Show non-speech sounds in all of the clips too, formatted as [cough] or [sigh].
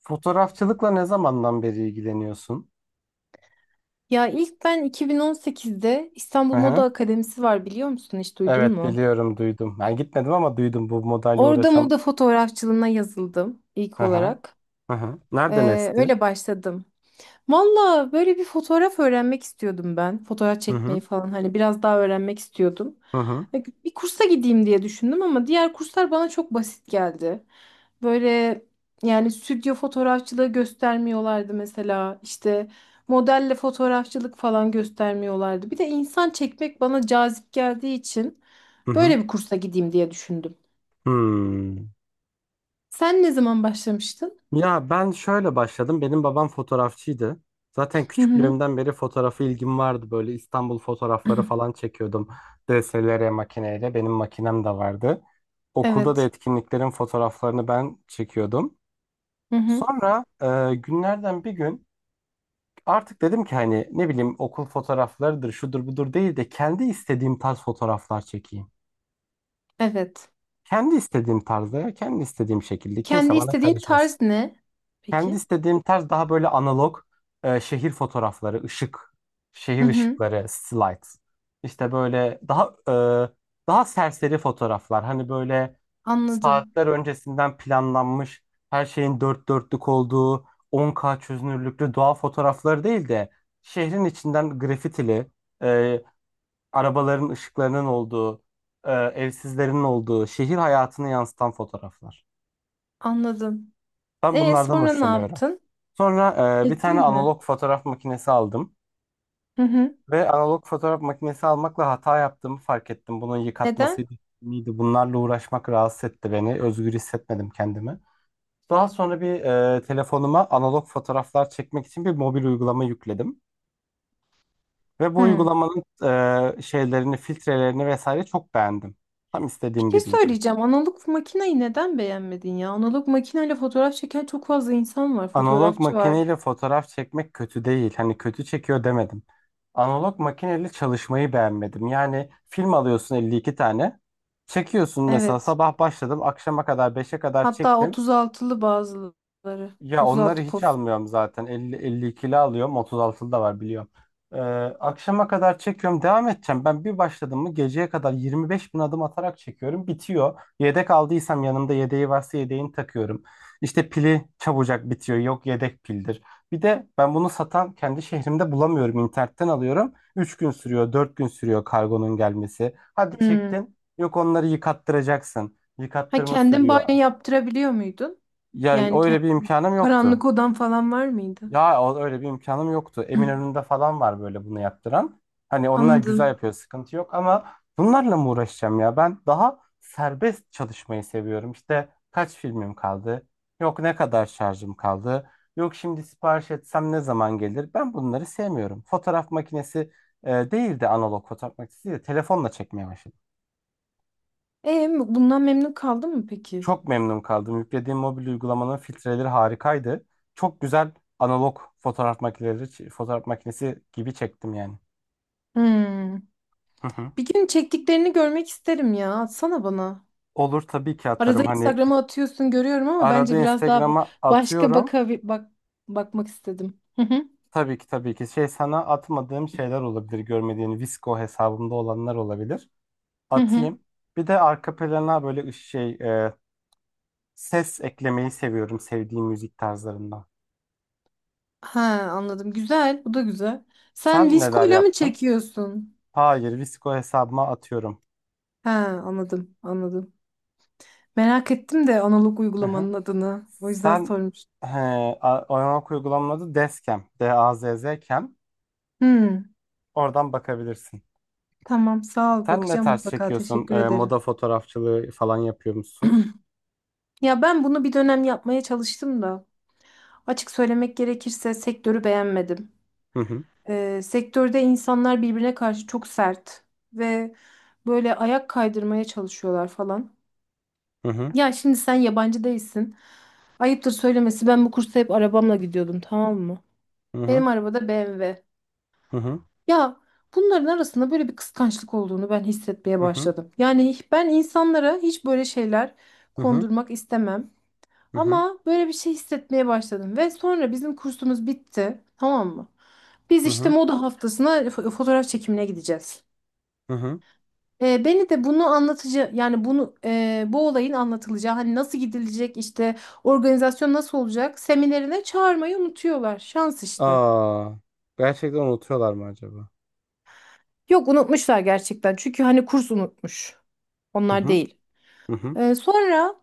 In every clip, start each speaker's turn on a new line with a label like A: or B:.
A: Fotoğrafçılıkla ne zamandan beri ilgileniyorsun?
B: Ya ilk ben 2018'de
A: Hı
B: İstanbul Moda
A: hı.
B: Akademisi var biliyor musun? Hiç duydun
A: Evet,
B: mu?
A: biliyorum, duydum. Ben gitmedim ama duydum, bu modayla
B: Orada
A: uğraşan.
B: moda fotoğrafçılığına yazıldım ilk
A: Hı hı.
B: olarak.
A: Hı hı. Nereden esti?
B: Öyle başladım. Valla böyle bir fotoğraf öğrenmek istiyordum ben. Fotoğraf
A: Hı
B: çekmeyi
A: hı.
B: falan hani biraz daha öğrenmek istiyordum.
A: Hı hı.
B: Bir kursa gideyim diye düşündüm ama diğer kurslar bana çok basit geldi. Böyle yani stüdyo fotoğrafçılığı göstermiyorlardı mesela. İşte modelle fotoğrafçılık falan göstermiyorlardı. Bir de insan çekmek bana cazip geldiği için
A: Hı hı.
B: böyle bir kursa gideyim diye düşündüm.
A: Hmm.
B: Sen ne zaman başlamıştın?
A: Ya ben şöyle başladım. Benim babam fotoğrafçıydı. Zaten
B: Hı hı.
A: küçüklüğümden beri fotoğrafa ilgim vardı. Böyle İstanbul fotoğrafları falan
B: [clears throat]
A: çekiyordum. DSLR makineyle. Benim makinem de vardı. Okulda da
B: Evet.
A: etkinliklerin fotoğraflarını ben çekiyordum.
B: Hı hı.
A: Sonra günlerden bir gün artık dedim ki, hani ne bileyim, okul fotoğraflarıdır, şudur budur değil de kendi istediğim tarz fotoğraflar çekeyim.
B: Evet.
A: Kendi istediğim tarzda, kendi istediğim şekilde
B: Kendi
A: kimse bana
B: istediğin
A: karışmasın.
B: tarz ne?
A: Kendi
B: Peki.
A: istediğim tarz daha böyle analog, şehir fotoğrafları, ışık,
B: Hı
A: şehir
B: hı.
A: ışıkları, slide. İşte böyle daha daha serseri fotoğraflar. Hani böyle
B: Anladım.
A: saatler öncesinden planlanmış, her şeyin dört dörtlük olduğu, 10K çözünürlüklü doğa fotoğrafları değil de şehrin içinden grafitili, e, arabaların ışıklarının olduğu, evsizlerin olduğu, şehir hayatını yansıtan fotoğraflar.
B: Anladım.
A: Ben
B: E
A: bunlardan
B: sonra ne
A: hoşlanıyorum.
B: yaptın?
A: Sonra bir tane
B: Çektin mi?
A: analog fotoğraf makinesi aldım
B: Hı hı.
A: ve analog fotoğraf makinesi almakla hata yaptığımı fark ettim. Bunun
B: Neden?
A: yıkatmasıydı, miydi? Bunlarla uğraşmak rahatsız etti beni. Özgür hissetmedim kendimi. Daha sonra bir, telefonuma analog fotoğraflar çekmek için bir mobil uygulama yükledim ve bu
B: Hı.
A: uygulamanın şeylerini, filtrelerini vesaire çok beğendim. Tam
B: Bir
A: istediğim
B: şey
A: gibiydi.
B: söyleyeceğim. Analog makineyi neden beğenmedin ya? Analog makineyle fotoğraf çeken çok fazla insan var.
A: Analog
B: Fotoğrafçı var.
A: makineyle fotoğraf çekmek kötü değil. Hani kötü çekiyor demedim. Analog makineyle çalışmayı beğenmedim. Yani film alıyorsun, 52 tane. Çekiyorsun, mesela
B: Evet.
A: sabah başladım, akşama kadar beşe kadar
B: Hatta
A: çektim.
B: 36'lı bazıları.
A: Ya onları
B: 36
A: hiç
B: poz.
A: almıyorum zaten. Elli elli 52'li alıyorum. 36'lı da var biliyorum. Ee, akşama kadar çekiyorum. Devam edeceğim. Ben bir başladım mı geceye kadar 25 bin adım atarak çekiyorum. Bitiyor. Yedek aldıysam, yanımda yedeği varsa yedeğini takıyorum. İşte pili çabucak bitiyor. Yok, yedek pildir. Bir de ben bunu satan kendi şehrimde bulamıyorum. İnternetten alıyorum. 3 gün sürüyor, 4 gün sürüyor kargonun gelmesi. Hadi
B: Hı.
A: çektin. Yok, onları yıkattıracaksın.
B: Ha
A: Yıkattırma
B: kendin banyo
A: sürüyor.
B: yaptırabiliyor muydun?
A: Ya
B: Yani
A: öyle bir
B: kend-
A: imkanım yoktu.
B: Karanlık odan falan var mıydı?
A: Öyle bir imkanım yoktu.
B: Hı.
A: Eminönü'nde falan var böyle bunu yaptıran. Hani onlar güzel
B: Anladım.
A: yapıyor, sıkıntı yok ama bunlarla mı uğraşacağım ya? Ben daha serbest çalışmayı seviyorum. İşte kaç filmim kaldı? Yok, ne kadar şarjım kaldı? Yok, şimdi sipariş etsem ne zaman gelir? Ben bunları sevmiyorum. Değil de analog fotoğraf makinesi değil de telefonla çekmeye başladım.
B: Bundan memnun kaldın mı peki?
A: Çok memnun kaldım. Yüklediğim mobil uygulamanın filtreleri harikaydı. Çok güzel analog fotoğraf makineleri, fotoğraf makinesi gibi çektim yani.
B: Hmm.
A: Hı hı.
B: Bir gün çektiklerini görmek isterim ya. Atsana bana.
A: Olur, tabii ki atarım.
B: Arada
A: Hani
B: Instagram'a atıyorsun görüyorum ama
A: arada
B: bence biraz daha ba-
A: Instagram'a
B: başka
A: atıyorum.
B: baka bak bakmak istedim. Hı hı.
A: Tabii ki, tabii ki. Şey, sana atmadığım şeyler olabilir. Görmediğin Visco hesabımda olanlar olabilir.
B: Hı hı.
A: Atayım. Bir de arka plana böyle ses eklemeyi seviyorum, sevdiğim müzik tarzlarından.
B: Ha anladım. Güzel. Bu da güzel. Sen
A: Sen neler
B: Visco'yla mı
A: yaptın?
B: çekiyorsun?
A: Hayır, Visco hesabıma atıyorum.
B: Ha anladım. Anladım. Merak ettim de analog
A: Hı hı.
B: uygulamanın adını. O yüzden
A: Sen,
B: sormuştum.
A: he, oyanak uygulamanın adı Deskem. D-A-Z-Z-Kem.
B: Hmm.
A: Oradan bakabilirsin.
B: Tamam sağ ol.
A: Sen ne
B: Bakacağım
A: tarz
B: mutlaka.
A: çekiyorsun?
B: Teşekkür
A: Moda
B: ederim.
A: fotoğrafçılığı falan yapıyor musun?
B: Ya ben bunu bir dönem yapmaya çalıştım da. Açık söylemek gerekirse sektörü beğenmedim.
A: Hı hı.
B: Sektörde insanlar birbirine karşı çok sert ve böyle ayak kaydırmaya çalışıyorlar falan.
A: Hı hı.
B: Ya şimdi sen yabancı değilsin. Ayıptır söylemesi ben bu kursa hep arabamla gidiyordum, tamam mı?
A: Hı hı.
B: Benim arabada BMW.
A: Hı hı.
B: Ya bunların arasında böyle bir kıskançlık olduğunu ben hissetmeye
A: Hı hı.
B: başladım. Yani ben insanlara hiç böyle şeyler
A: Hı hı.
B: kondurmak istemem.
A: Hı hı.
B: Ama böyle bir şey hissetmeye başladım ve sonra bizim kursumuz bitti, tamam mı? Biz
A: Hı
B: işte
A: hı.
B: moda haftasına fotoğraf çekimine gideceğiz.
A: Hı hı.
B: Beni de bunu anlatıcı yani bu olayın anlatılacağı hani nasıl gidilecek işte organizasyon nasıl olacak seminerine çağırmayı unutuyorlar. Şans işte.
A: Aa, gerçekten unutuyorlar mı acaba?
B: Yok unutmuşlar gerçekten, çünkü hani kurs unutmuş.
A: Hı
B: Onlar
A: hı.
B: değil.
A: Hı hı.
B: Sonra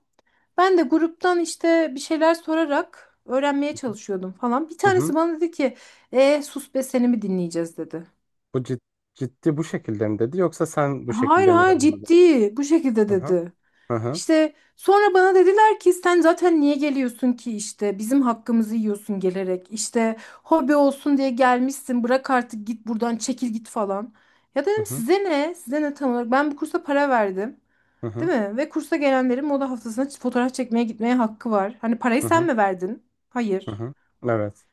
B: Ben de gruptan işte bir şeyler sorarak öğrenmeye
A: Hı hı,
B: çalışıyordum falan. Bir
A: hı hı.
B: tanesi bana dedi ki sus be, seni mi dinleyeceğiz dedi.
A: Bu cid- Ciddi bu şekilde mi dedi, yoksa sen bu
B: Hayır
A: şekilde mi
B: hayır
A: yorumladın?
B: ciddi bu şekilde
A: Hı hı,
B: dedi.
A: hı hı,
B: İşte sonra bana dediler ki sen zaten niye geliyorsun ki, işte bizim hakkımızı yiyorsun gelerek. İşte hobi olsun diye gelmişsin, bırak artık git buradan, çekil git falan. Ya
A: hı
B: dedim
A: hı,
B: size ne, size ne, tam olarak ben bu kursa para verdim.
A: hı
B: Değil
A: hı,
B: mi? Ve kursa gelenlerin moda haftasına fotoğraf çekmeye gitmeye hakkı var. Hani parayı
A: hı
B: sen
A: hı,
B: mi verdin?
A: hı
B: Hayır.
A: hı. Evet.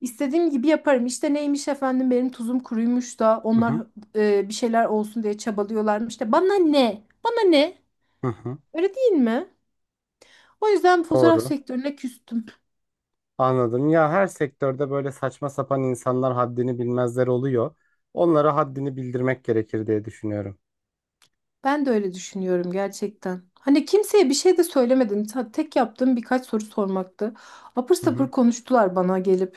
B: İstediğim gibi yaparım. İşte neymiş efendim benim tuzum kuruymuş da
A: Hı
B: onlar
A: hı,
B: bir şeyler olsun diye çabalıyorlarmış da bana ne? Bana ne?
A: hı hı.
B: Öyle değil mi? O yüzden fotoğraf
A: Doğru.
B: sektörüne küstüm.
A: Anladım. Ya her sektörde böyle saçma sapan insanlar, haddini bilmezler oluyor. Onlara haddini bildirmek gerekir diye düşünüyorum.
B: Ben de öyle düşünüyorum gerçekten. Hani kimseye bir şey de söylemedim. Tek yaptığım birkaç soru sormaktı. Apır
A: Hı hı.
B: sapır konuştular bana gelip.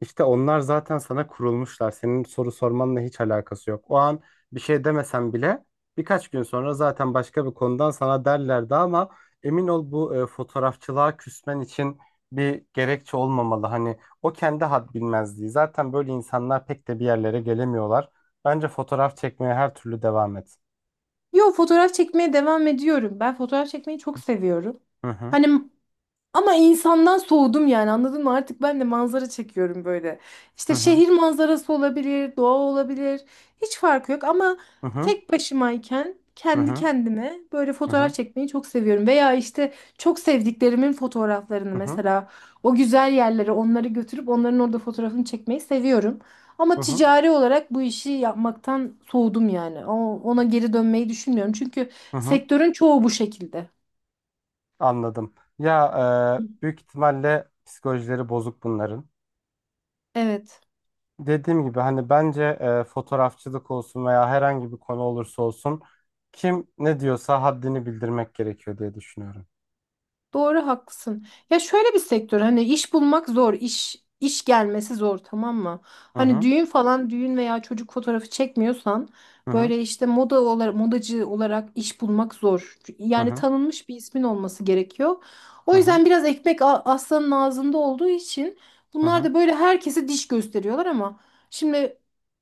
A: İşte onlar zaten sana kurulmuşlar. Senin soru sormanla hiç alakası yok. O an bir şey demesen bile birkaç gün sonra zaten başka bir konudan sana derlerdi, ama emin ol, bu fotoğrafçılığa küsmen için bir gerekçe olmamalı. Hani o kendi had bilmezliği. Zaten böyle insanlar pek de bir yerlere gelemiyorlar. Bence fotoğraf çekmeye her türlü devam et.
B: Yo, fotoğraf çekmeye devam ediyorum. Ben fotoğraf çekmeyi çok seviyorum.
A: Hı hı.
B: Hani ama insandan soğudum yani, anladın mı? Artık ben de manzara çekiyorum böyle.
A: Hı
B: İşte
A: hı.
B: şehir manzarası olabilir, doğa olabilir. Hiç farkı yok ama
A: Hı hı,
B: tek başımayken
A: hı
B: kendi
A: hı,
B: kendime böyle
A: hı hı,
B: fotoğraf çekmeyi çok seviyorum. Veya işte çok sevdiklerimin fotoğraflarını,
A: hı hı,
B: mesela o güzel yerlere onları götürüp onların orada fotoğrafını çekmeyi seviyorum.
A: hı
B: Ama
A: hı,
B: ticari olarak bu işi yapmaktan soğudum yani. Ona geri dönmeyi düşünmüyorum. Çünkü
A: hı hı.
B: sektörün çoğu bu şekilde.
A: Anladım. Ya büyük ihtimalle psikolojileri bozuk bunların.
B: Evet.
A: Dediğim gibi, hani bence fotoğrafçılık olsun veya herhangi bir konu olursa olsun, kim ne diyorsa haddini bildirmek gerekiyor diye düşünüyorum.
B: Doğru, haklısın. Ya şöyle bir sektör, hani iş bulmak zor, iş gelmesi zor, tamam mı?
A: Hı
B: Hani
A: hı,
B: düğün falan, düğün veya çocuk fotoğrafı çekmiyorsan
A: hı hı,
B: böyle işte moda olarak, modacı olarak iş bulmak zor.
A: hı
B: Yani
A: hı,
B: tanınmış bir ismin olması gerekiyor.
A: hı
B: O
A: hı,
B: yüzden biraz ekmek aslanın ağzında olduğu için
A: hı
B: bunlar
A: hı,
B: da böyle herkese diş gösteriyorlar ama şimdi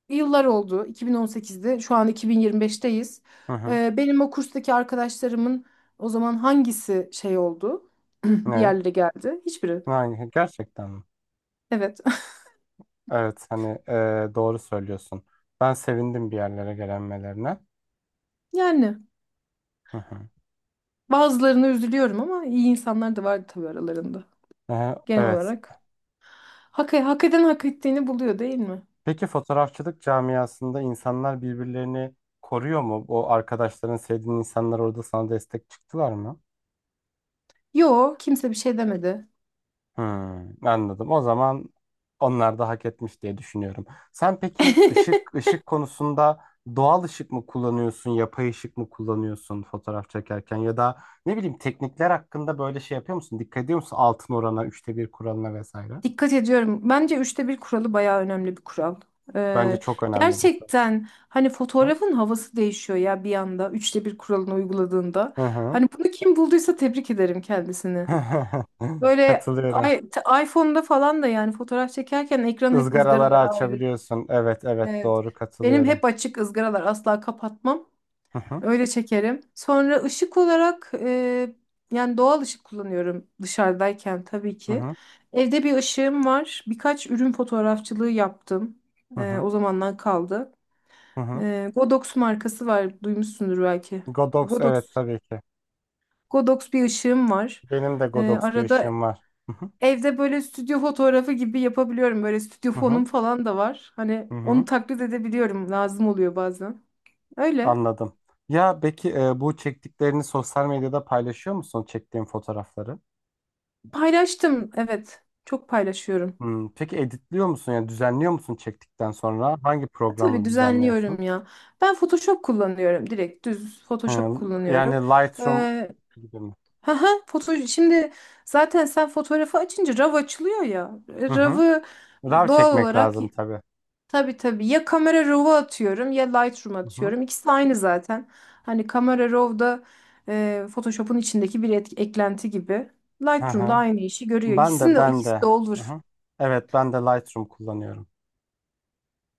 B: yıllar oldu, 2018'de, şu an 2025'teyiz.
A: hı hı.
B: Benim o kurstaki arkadaşlarımın o zaman hangisi şey oldu? [clears throat] Bir
A: Ne?
B: yerlere geldi. Hiçbiri.
A: Yani gerçekten mi?
B: Evet. [laughs]
A: Evet, hani doğru söylüyorsun. Ben sevindim bir yerlere gelenmelerine.
B: Yani
A: Hı hı.
B: bazılarına üzülüyorum ama iyi insanlar da vardı tabii aralarında. Genel
A: Evet.
B: olarak. Hak eden hak ettiğini buluyor, değil mi?
A: Peki fotoğrafçılık camiasında insanlar birbirlerini koruyor mu? O arkadaşların, sevdiğin insanlar orada sana destek çıktılar mı?
B: Yo, kimse bir şey demedi.
A: Hmm, anladım. O zaman onlar da hak etmiş diye düşünüyorum. Sen peki ışık,
B: [laughs]
A: ışık konusunda doğal ışık mı kullanıyorsun, yapay ışık mı kullanıyorsun fotoğraf çekerken, ya da ne bileyim, teknikler hakkında böyle şey yapıyor musun? Dikkat ediyor musun altın orana, üçte bir kuralına vesaire?
B: Dikkat ediyorum. Bence üçte bir kuralı bayağı önemli bir kural.
A: Bence
B: Ee,
A: çok önemli bu konu.
B: Gerçekten hani fotoğrafın havası değişiyor ya bir anda üçte bir kuralını uyguladığında.
A: Hı hı.
B: Hani bunu kim bulduysa tebrik ederim kendisini.
A: [laughs]
B: Böyle
A: Katılıyorum.
B: i- iPhone'da falan da yani fotoğraf çekerken ekran hep
A: Izgaraları
B: ızgaralara ayrı.
A: açabiliyorsun. Evet, evet,
B: Evet.
A: doğru,
B: Benim
A: katılıyorum.
B: hep açık ızgaralar, asla kapatmam.
A: Hı hı,
B: Öyle çekerim. Sonra ışık olarak yani doğal ışık kullanıyorum dışarıdayken tabii
A: hı
B: ki.
A: hı,
B: Evde bir ışığım var. Birkaç ürün fotoğrafçılığı yaptım.
A: hı hı.
B: O zamandan kaldı.
A: Hı hı.
B: Godox markası var. Duymuşsundur belki.
A: Godox, evet
B: Godox.
A: tabii ki.
B: Godox bir ışığım var.
A: Benim de Godox bir
B: Arada
A: işim var. Hı hı,
B: evde böyle stüdyo fotoğrafı gibi yapabiliyorum. Böyle stüdyo
A: hı hı.
B: fonum falan da var. Hani
A: Hı
B: onu
A: hı.
B: taklit edebiliyorum. Lazım oluyor bazen. Öyle.
A: Anladım. Ya peki bu çektiklerini sosyal medyada paylaşıyor musun, çektiğin fotoğrafları?
B: Paylaştım. Evet. Çok paylaşıyorum.
A: Hmm, peki editliyor musun, yani düzenliyor musun çektikten sonra? Hangi
B: Tabii
A: programla düzenliyorsun?
B: düzenliyorum ya. Ben Photoshop kullanıyorum. Direkt düz
A: He,
B: Photoshop
A: yani
B: kullanıyorum.
A: Lightroom
B: Ee,
A: gibi mi?
B: haha, foto Şimdi zaten sen fotoğrafı açınca RAW açılıyor ya.
A: Hı hı.
B: RAW'ı
A: RAW
B: doğal
A: çekmek
B: olarak,
A: lazım tabii.
B: tabii ya, kamera RAW'u atıyorum ya Lightroom
A: Hı hı.
B: atıyorum. İkisi de aynı zaten. Hani kamera RAW'da Photoshop'un içindeki bir eklenti gibi.
A: Hı
B: Lightroom da
A: hı.
B: aynı işi görüyor.
A: Ben de ben
B: İkisi de
A: de. Hı
B: olur.
A: hı. Evet, ben de Lightroom kullanıyorum.